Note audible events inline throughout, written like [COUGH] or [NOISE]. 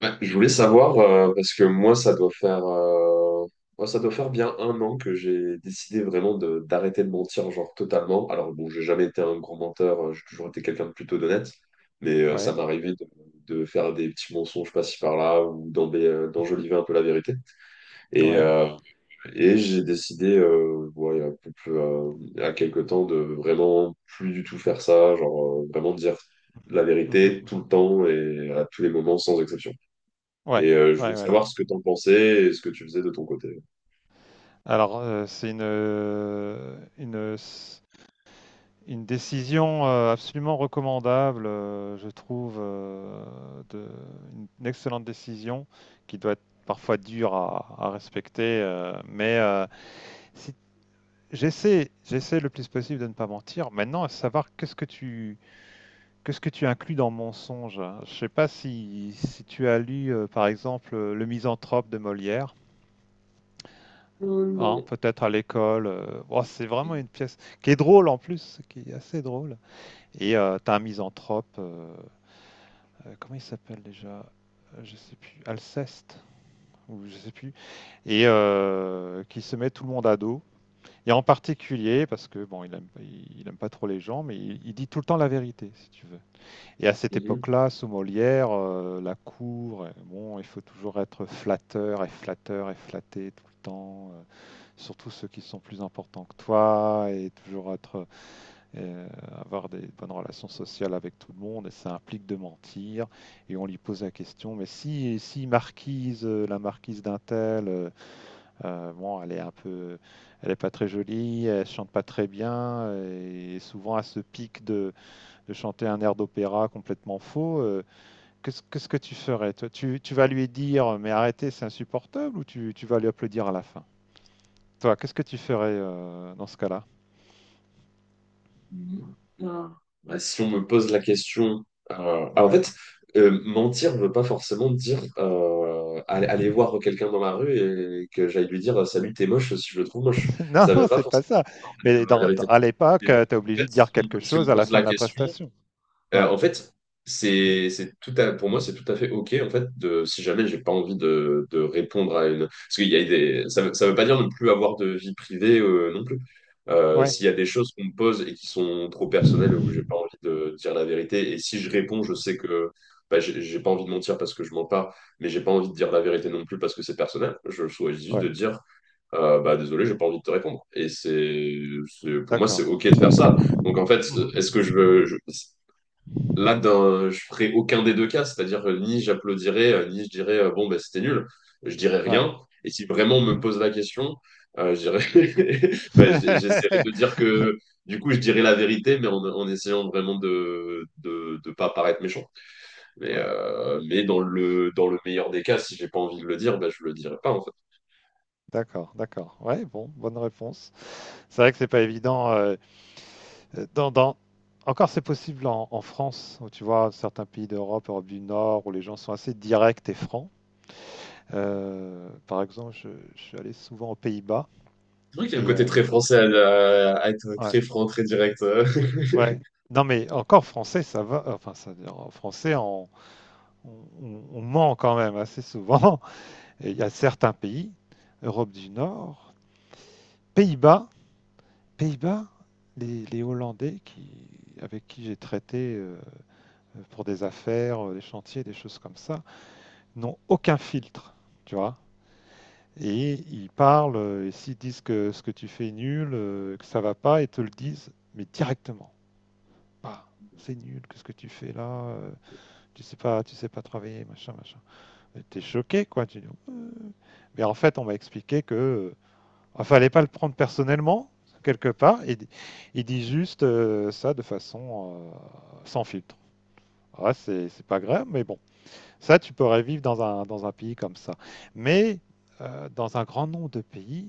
Ouais, je voulais savoir, parce que moi, ça doit faire, moi, ça doit faire bien un an que j'ai décidé vraiment de d'arrêter de mentir, genre totalement. Alors, bon, j'ai jamais été un grand menteur, j'ai toujours été quelqu'un de plutôt d'honnête, mais ça Ouais, m'arrivait de faire des petits mensonges par-ci par-là ou d'enjoliver un peu la vérité. Et, ouais. euh, et j'ai décidé, ouais, il y a quelques temps, de vraiment plus du tout faire ça, genre vraiment dire la Mmh mh, vérité tout mmh. le temps et à tous les moments sans exception. Ouais, Et je ouais, voulais ouais. savoir ce que t'en pensais et ce que tu faisais de ton côté. Alors, c'est une décision, absolument recommandable, je trouve, de une excellente décision qui doit être parfois dure à respecter, mais, si j'essaie le plus possible de ne pas mentir. Maintenant, à savoir qu'est-ce que tu inclus dans mensonge, hein? Je sais pas si tu as lu, par exemple, Le Misanthrope de Molière? Hein, Non. peut-être à l'école. Oh, c'est vraiment une pièce qui est drôle en plus, qui est assez drôle. Et t'as un misanthrope, comment il s'appelle déjà? Je sais plus, Alceste, ou je sais plus, et qui se met tout le monde à dos. Et en particulier, parce que bon, il aime, il aime pas trop les gens, mais il dit tout le temps la vérité, si tu veux. Et à cette Mhm. époque-là, sous Molière, la cour, bon, il faut toujours être flatteur et flatteur et flatté tout le temps, surtout ceux qui sont plus importants que toi, et toujours être, euh, avoir des bonnes relations sociales avec tout le monde, et ça implique de mentir. Et on lui pose la question, mais si marquise, la marquise d'un tel, bon, elle est un peu, elle est pas très jolie, elle chante pas très bien, et souvent elle se pique de chanter un air d'opéra complètement faux. Qu'est-ce que tu ferais? Toi, tu vas lui dire, mais arrêtez, c'est insupportable, ou tu vas lui applaudir à la fin? Toi, qu'est-ce que tu ferais, dans ce cas-là? Mhm. Ah. Bah, si on me pose la question, en fait, Ouais. Mentir ne veut pas forcément dire aller voir quelqu'un dans la rue et que j'aille lui dire salut, t'es moche si je le trouve moche. [LAUGHS] Non, Ça ne veut pas c'est pas forcément ça, dire, en fait, dire mais la dans vérité. à l'époque, Et donc, tu es en fait, obligé de dire quelque si on chose me à la pose fin la de la question, prestation. Ouais, en fait, c'est pour moi, c'est tout à fait OK, en fait, de, si jamais j'ai pas envie de répondre à une... Parce qu'il y a des... ça veut pas dire ne plus avoir de vie privée non plus. Ouais, S'il y a des choses qu'on me pose et qui sont trop personnelles où j'ai pas envie de dire la vérité, et si je réponds, je sais que bah, j'ai pas envie de mentir parce que je mens pas, mais j'ai pas envie de dire la vérité non plus parce que c'est personnel, je choisis juste de ouais, dire... bah désolé, j'ai pas envie de te répondre. Pour moi, c'est d'accord. OK de faire ça. Donc en fait, Mmh. est-ce que je veux, je- là, d'un- je ferai aucun des deux cas, c'est-à-dire ni j'applaudirai ni je dirais bon, ben, c'était nul, je dirais Ouais. rien. Et si vraiment on me Mmh. pose la question, je dirais, [LAUGHS] ben, [LAUGHS] j'essaierai de dire que du coup, je dirais la vérité, mais en essayant vraiment de pas paraître méchant. Ouais, Mais dans le meilleur des cas, si j'ai pas envie de le dire, ben, je le dirai pas en fait. d'accord, d'accord. Ouais, bon, bonne réponse. C'est vrai que c'est pas évident, dans encore c'est possible en France, où tu vois certains pays d'Europe, Europe du Nord, où les gens sont assez directs et francs. Par exemple, je suis allé souvent aux Pays-Bas C'est vrai qu'il y a un et côté très français à être ouais, très franc, très direct. [LAUGHS] ouais. Non, mais encore français, ça va, enfin, ça veut dire, en français, on on ment quand même assez souvent. [LAUGHS] Et il y a certains pays, Europe du Nord, Pays-Bas, Pays-Bas, les Hollandais qui avec qui j'ai traité, pour des affaires, des chantiers, des choses comme ça, n'ont aucun filtre, tu vois? Et ils parlent, et s'ils disent que ce que tu fais est nul, que ça va pas, ils te le disent, mais directement. Bah, c'est nul, qu'est-ce que tu fais là? euh, tu sais pas travailler, machin, machin. Et t'es choqué, quoi. Tu dis, euh. Mais en fait, on m'a expliqué que, ah, fallait pas le prendre personnellement, quelque part. Il dit juste ça de façon sans filtre. Ah, c'est pas grave, mais bon. Ça, tu pourrais vivre dans un pays comme ça. Mais dans un grand nombre de pays,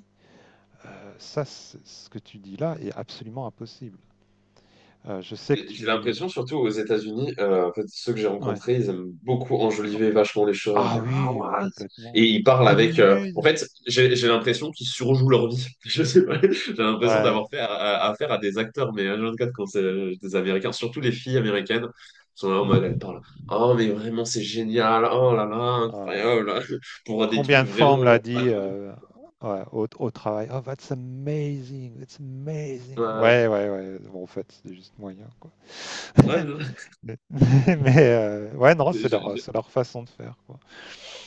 ça, c ce que tu dis là est absolument impossible. Je sais que J'ai tu. l'impression, surtout aux États-Unis, en fait, ceux que j'ai Ouais. rencontrés, ils aiment beaucoup Oh, enjoliver vachement les choses, ah dire ah oui, ouais, what? Et complètement. ils parlent avec. En Amazing! fait, j'ai l'impression qu'ils surjouent leur vie. [LAUGHS] Je sais pas. J'ai l'impression Ouais. d'avoir fait affaire à des acteurs, mais h quatre quand c'est des Américains, surtout les filles américaines, sont là en mode elles Mmh. parlent. Oh mais vraiment c'est génial. Oh là là Ah, incroyable. [LAUGHS] Pour des trucs combien de fois on me vraiment l'a genre dit, bateau. Ouais, au travail: «Oh, that's amazing, that's amazing!» Ouais. Ouais, ouais, ouais, bon, en fait, c'est juste moyen, quoi. Ouais, [LAUGHS] non. Mais [LAUGHS] mais ouais, non, c'est [LAUGHS] leur façon de faire, quoi.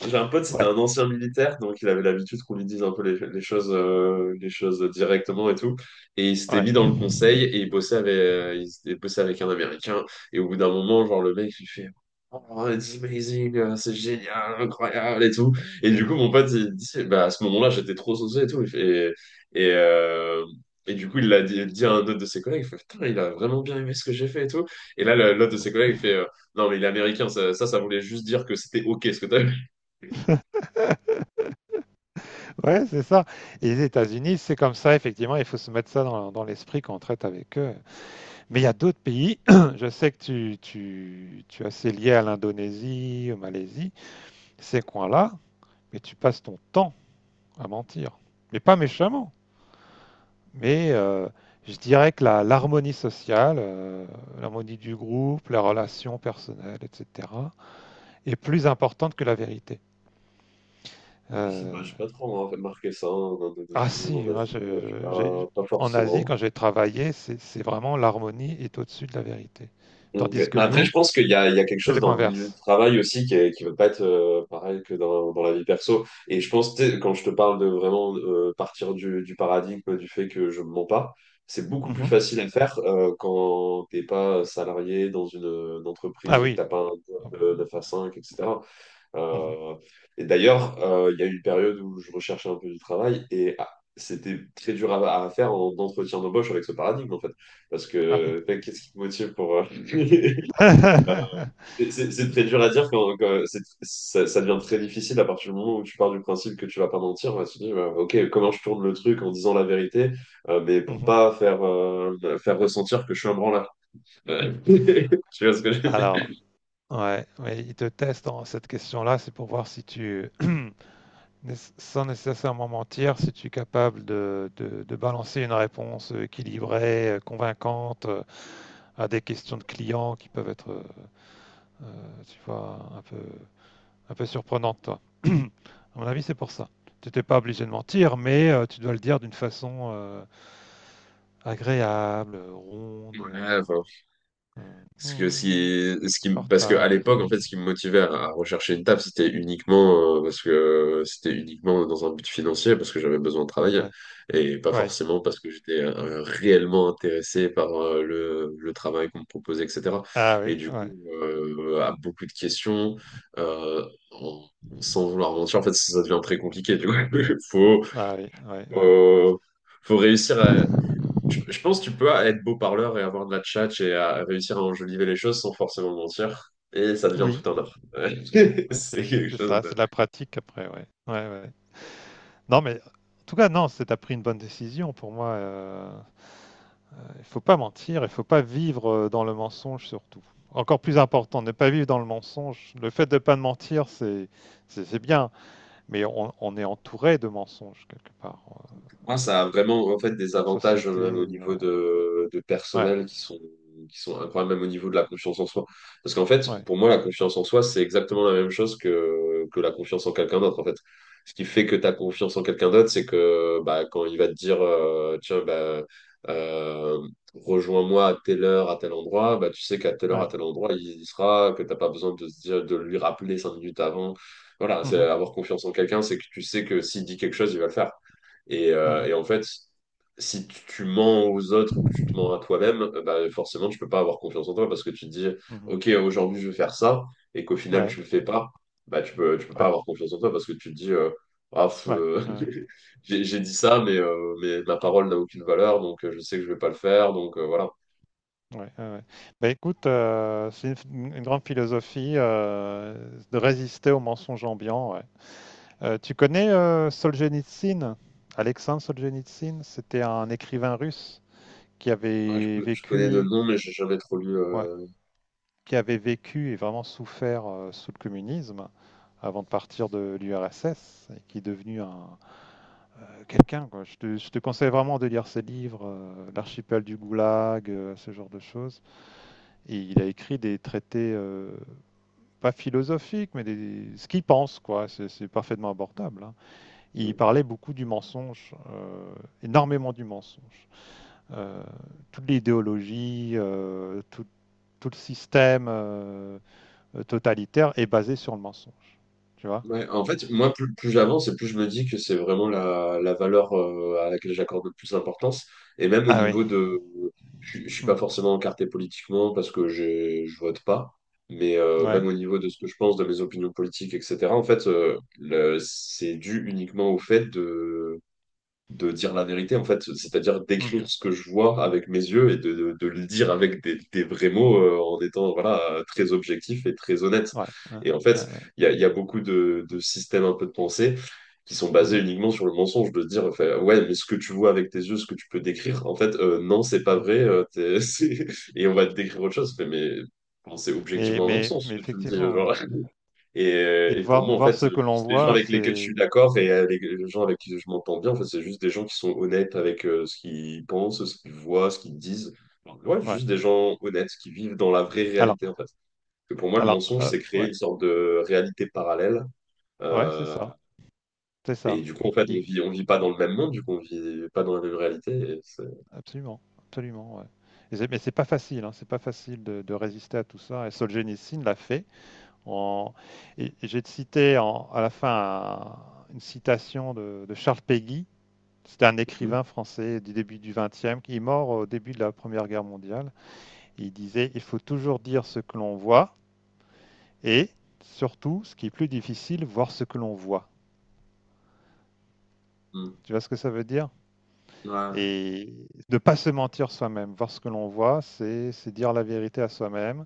J'ai un pote, c'était Ouais, un ancien militaire, donc il avait l'habitude qu'on lui dise un peu les choses directement et tout. Et il s'était ouais, mis dans le conseil et il bossait avec, bossait avec un Américain. Et au bout d'un moment, genre le mec, il fait, Oh, it's amazing, c'est génial, incroyable et tout. Et du coup, [LAUGHS] mon pote, il dit, bah, à ce moment-là, j'étais trop saucé et tout. Il fait- Et, et, euh, et du coup, il l'a dit à un autre de ses collègues, il fait, putain, il a vraiment bien aimé ce que j'ai fait et tout. Et là, l'autre de non. ses collègues, il fait, non, mais il est américain, ça voulait juste dire que c'était OK ce que t'as vu. [LAUGHS] Ouais, c'est ça. Et les États-Unis, c'est comme ça, effectivement, il faut se mettre ça dans l'esprit quand on traite avec eux. Mais il y a d'autres pays, [CLEARS THROAT] je sais que tu es assez lié à l'Indonésie, au Malaisie, ces coins-là, mais tu passes ton temps à mentir. Mais pas méchamment. Mais je dirais que l'harmonie sociale, l'harmonie du groupe, la relation personnelle, etc., est plus importante que la vérité. Je sais Euh, pas, j'ai pas trop hein, remarqué ça en Ah Indonésie ou en si, Asie, je sais pas, pas en Asie, forcément. quand j'ai travaillé, c'est vraiment l'harmonie est au-dessus de la vérité. Donc, Tandis que mais après, nous, je pense qu'il y a, il y a quelque c'est chose le dans le milieu du converse. travail aussi qui est, qui va pas être pareil que dans la vie perso. Et je pense, tu sais, quand je te parle de vraiment partir du paradigme du fait que je ne mens pas, c'est beaucoup plus Mhm. facile à faire quand t'es pas salarié dans une Ah entreprise où oui. t'as pas un job de 9 à 5, etc. Mhm. Euh, et d'ailleurs, il y a eu une période où je recherchais un peu du travail et ah, c'était très dur à faire en entretien d'embauche avec ce paradigme, en fait. Parce Ah oui. que, mec, qu'est-ce qui te motive pour... [LAUGHS] [LAUGHS] c'est très dur à dire quand ça devient très difficile à partir du moment où tu pars du principe que tu vas pas mentir. On va se dire, ok, comment je tourne le truc en disant la vérité, mais pour Mhm. pas faire, faire ressentir que je suis un branleur. Euh, [LAUGHS] tu vois ce que je veux dire? Alors, ouais, ouais, il te teste dans cette question-là, c'est pour voir si tu, [CLEARS THROAT] sans nécessairement mentir, si tu es capable de balancer une réponse équilibrée, convaincante à des questions de clients qui peuvent être, tu vois, Un peu surprenante, toi. [CLEARS THROAT] À mon avis, c'est pour ça. Tu n'étais pas obligé de mentir, mais tu dois le dire d'une façon agréable, ronde, Ouais, enfin, euh, parce que hum, parce que à portable. l'époque, en fait, ce qui me motivait à rechercher une taf, c'était uniquement, parce que c'était uniquement dans un but financier, parce que j'avais besoin de travailler, Ouais. et pas Ouais. forcément parce que j'étais réellement intéressé par le travail qu'on me proposait, etc. Ah oui, Et du ouais. coup, à beaucoup de questions, euh, en- sans vouloir mentir, en fait, ça devient très compliqué. Du coup, [LAUGHS] faut, Ah oui, ouais, ouais. euh, faut réussir à je [LAUGHS] pense que tu peux être beau parleur et avoir de la tchatche et à réussir à enjoliver les choses sans forcément mentir. Et ça devient Oui, tout un art. [LAUGHS] ouais, C'est quelque c'est chose ça, c'est de la pratique après, ouais. Ouais, ouais. Non, mais en tout cas, non, c'est t'as pris une bonne décision pour moi. Il faut pas mentir, il faut pas vivre dans le mensonge surtout. Encore plus important, ne pas vivre dans le mensonge. Le fait de pas mentir, c'est bien, mais on est entouré de mensonges quelque part pour moi, ça a vraiment en fait des en avantages société. même au niveau de Ouais, personnel qui sont incroyables, même au niveau de la confiance en soi. Parce qu'en fait, ouais, pour moi, la confiance en soi, c'est exactement la même chose que la confiance en quelqu'un d'autre. En fait, ce qui fait que tu as confiance en quelqu'un d'autre, c'est que bah quand il va te dire tiens bah euh, rejoins-moi à telle heure, à tel endroit, bah tu sais qu'à telle heure, à ouais. tel endroit, il y sera, que t'as pas besoin de se dire de lui rappeler 5 minutes avant. Voilà, c'est Mhm, avoir confiance en quelqu'un, c'est que tu sais que s'il dit quelque chose, il va le faire. Et, euh, mhm, et en fait, si tu mens aux autres ou que tu te mens à toi-même, bah, forcément, tu peux pas avoir confiance en toi parce que tu te dis, mhm. OK, aujourd'hui, je vais faire ça, et qu'au final, Ouais, tu le fais pas, bah, tu peux pas ouais, avoir confiance en toi parce que tu te dis, Ah, f- ouais, euh, ouais, [LAUGHS] j'ai dit ça, mais ma parole n'a aucune valeur, donc je sais que je vais pas le faire, donc voilà. ouais, ouais, ouais. Bah écoute, c'est une grande philosophie de résister aux mensonges ambiants. Ouais. Tu connais Solzhenitsyn? Alexandre Solzhenitsyn, c'était un écrivain russe qui Ouais, avait je connais de vécu, nom, mais j'ai jamais trop lu. ouais, euh, qui avait vécu et vraiment souffert sous le communisme avant de partir de l'URSS et qui est devenu un quelqu'un, quoi. Je te conseille vraiment de lire ses livres, L'archipel du Goulag, ce genre de choses. Et il a écrit des traités, pas philosophiques, mais ce qu'il pense, quoi. C'est parfaitement abordable, hein. Il parlait beaucoup du mensonge, énormément du mensonge. Euh, Toute l'idéologie, tout le système totalitaire est basé sur le mensonge. Tu vois? Ouais, en fait, moi, plus j'avance et plus je me dis que c'est vraiment la valeur à laquelle j'accorde le plus d'importance. Et même au Ah oui. niveau de... Je ne suis pas Hmm. forcément encarté politiquement parce que je vote pas, mais même Ouais. au niveau de ce que je pense, de mes opinions politiques, etc., en fait, c'est dû uniquement au fait de dire la vérité, en fait, c'est-à-dire Mhm. d'écrire ce que je vois avec mes yeux et de le dire avec des vrais mots en étant voilà, très objectif et très honnête. Ouais. Ouais. Et en Ouais, fait, ouais. Il y a beaucoup de systèmes un peu de pensée qui sont basés Mhm. uniquement sur le mensonge, de dire, enfin, ouais, mais ce que tu vois avec tes yeux, ce que tu peux décrire, en fait, non, c'est pas Mhm. vrai, [LAUGHS] c'est- et on va te décrire autre chose. Fait, mais bon, c'est objectivement un non-sens ce Mais que tu me dis, effectivement, ouais. genre. Et, euh, Et et pour moi, voir, en voir fait, ce que l'on juste les gens voit, avec lesquels je suis c'est. d'accord et les les gens avec qui je m'entends bien, en fait, c'est juste des gens qui sont honnêtes avec ce qu'ils pensent, ce qu'ils voient, ce qu'ils disent. Alors, ouais, Ouais. juste des gens honnêtes qui vivent dans la vraie Alors, réalité, en fait. Parce que pour moi, le alors mensonge, c'est créer ouais, une sorte de réalité parallèle. ouais, c'est Euh, ça. C'est et ça. du coup, en fait, on vit pas dans le même monde, du coup, on vit pas dans la même réalité. Et c'est- Absolument, absolument, ouais. Et c'est mais c'est pas facile, hein, c'est pas facile de résister à tout ça et Solzhenitsyn l'a fait. En... et j'ai cité à la fin une citation de Charles Péguy, c'était un Mhm. écrivain français du début du XXe qui est mort au début de la Première Guerre mondiale. Il disait, il faut toujours dire ce que l'on voit et surtout, ce qui est plus difficile, voir ce que l'on voit. Mhm. Tu vois ce que ça veut dire? Et ne pas se mentir soi-même, voir ce que l'on voit, c'est dire la vérité à soi-même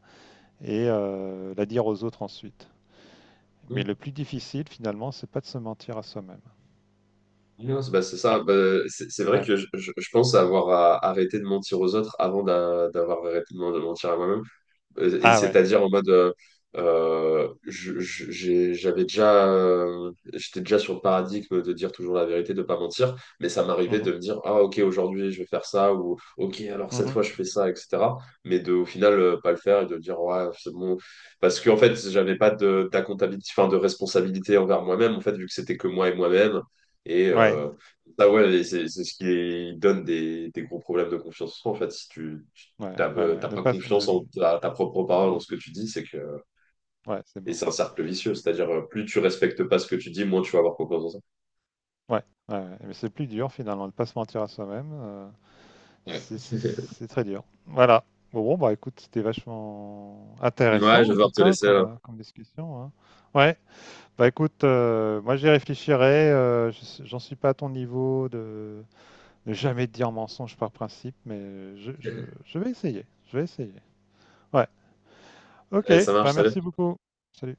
et la dire aux autres ensuite. Mais Ouais. le plus difficile, finalement, c'est pas de se mentir à soi-même. Non, c'est bah, c'est ça. Ah, Bah, c'est vrai ouais. que je pense avoir arrêté de mentir aux autres avant d'avoir arrêté de mentir à moi-même. Et Ah, ouais. c'est-à-dire en mode, j'avais déjà, j'étais déjà sur le paradigme de dire toujours la vérité, de pas mentir, mais ça m'arrivait Mhm. de me dire, ah ok, aujourd'hui je vais faire ça, ou ok, alors cette fois Mhm. je fais ça, etc. Mais de, au final, pas le faire et de dire, ouais, c'est bon. Parce qu'en fait, j'avais pas d'accountability, enfin, de responsabilité envers moi-même, en fait, vu que c'était que moi et moi-même. Et Ouais. Ça, ouais, et c'est ce qui donne des gros problèmes de confiance en soi, en fait, si Ouais, ouais, ouais. t'as Ne pas pas, confiance ne- en ta propre parole, en ce que tu dis, c'est que Ouais, c'est et mort. c'est un cercle vicieux, c'est-à-dire plus tu respectes pas ce que tu dis, moins tu vas avoir confiance en ça. Ouais, ouais, ouais. Mais c'est plus dur, finalement, de ne pas se mentir à soi-même. Ouais, [LAUGHS] C'est très dur. Voilà. Bon, bon, bah écoute, c'était vachement ouais, je vais intéressant, en tout devoir te cas, laisser là. Comme discussion, hein. Ouais. Bah écoute, moi j'y réfléchirai. J'en suis pas à ton niveau de ne jamais dire mensonge par principe, mais je vais essayer. Je vais essayer. Ouais. Ok, Allez, ça marche, bah merci salut. beaucoup. Salut.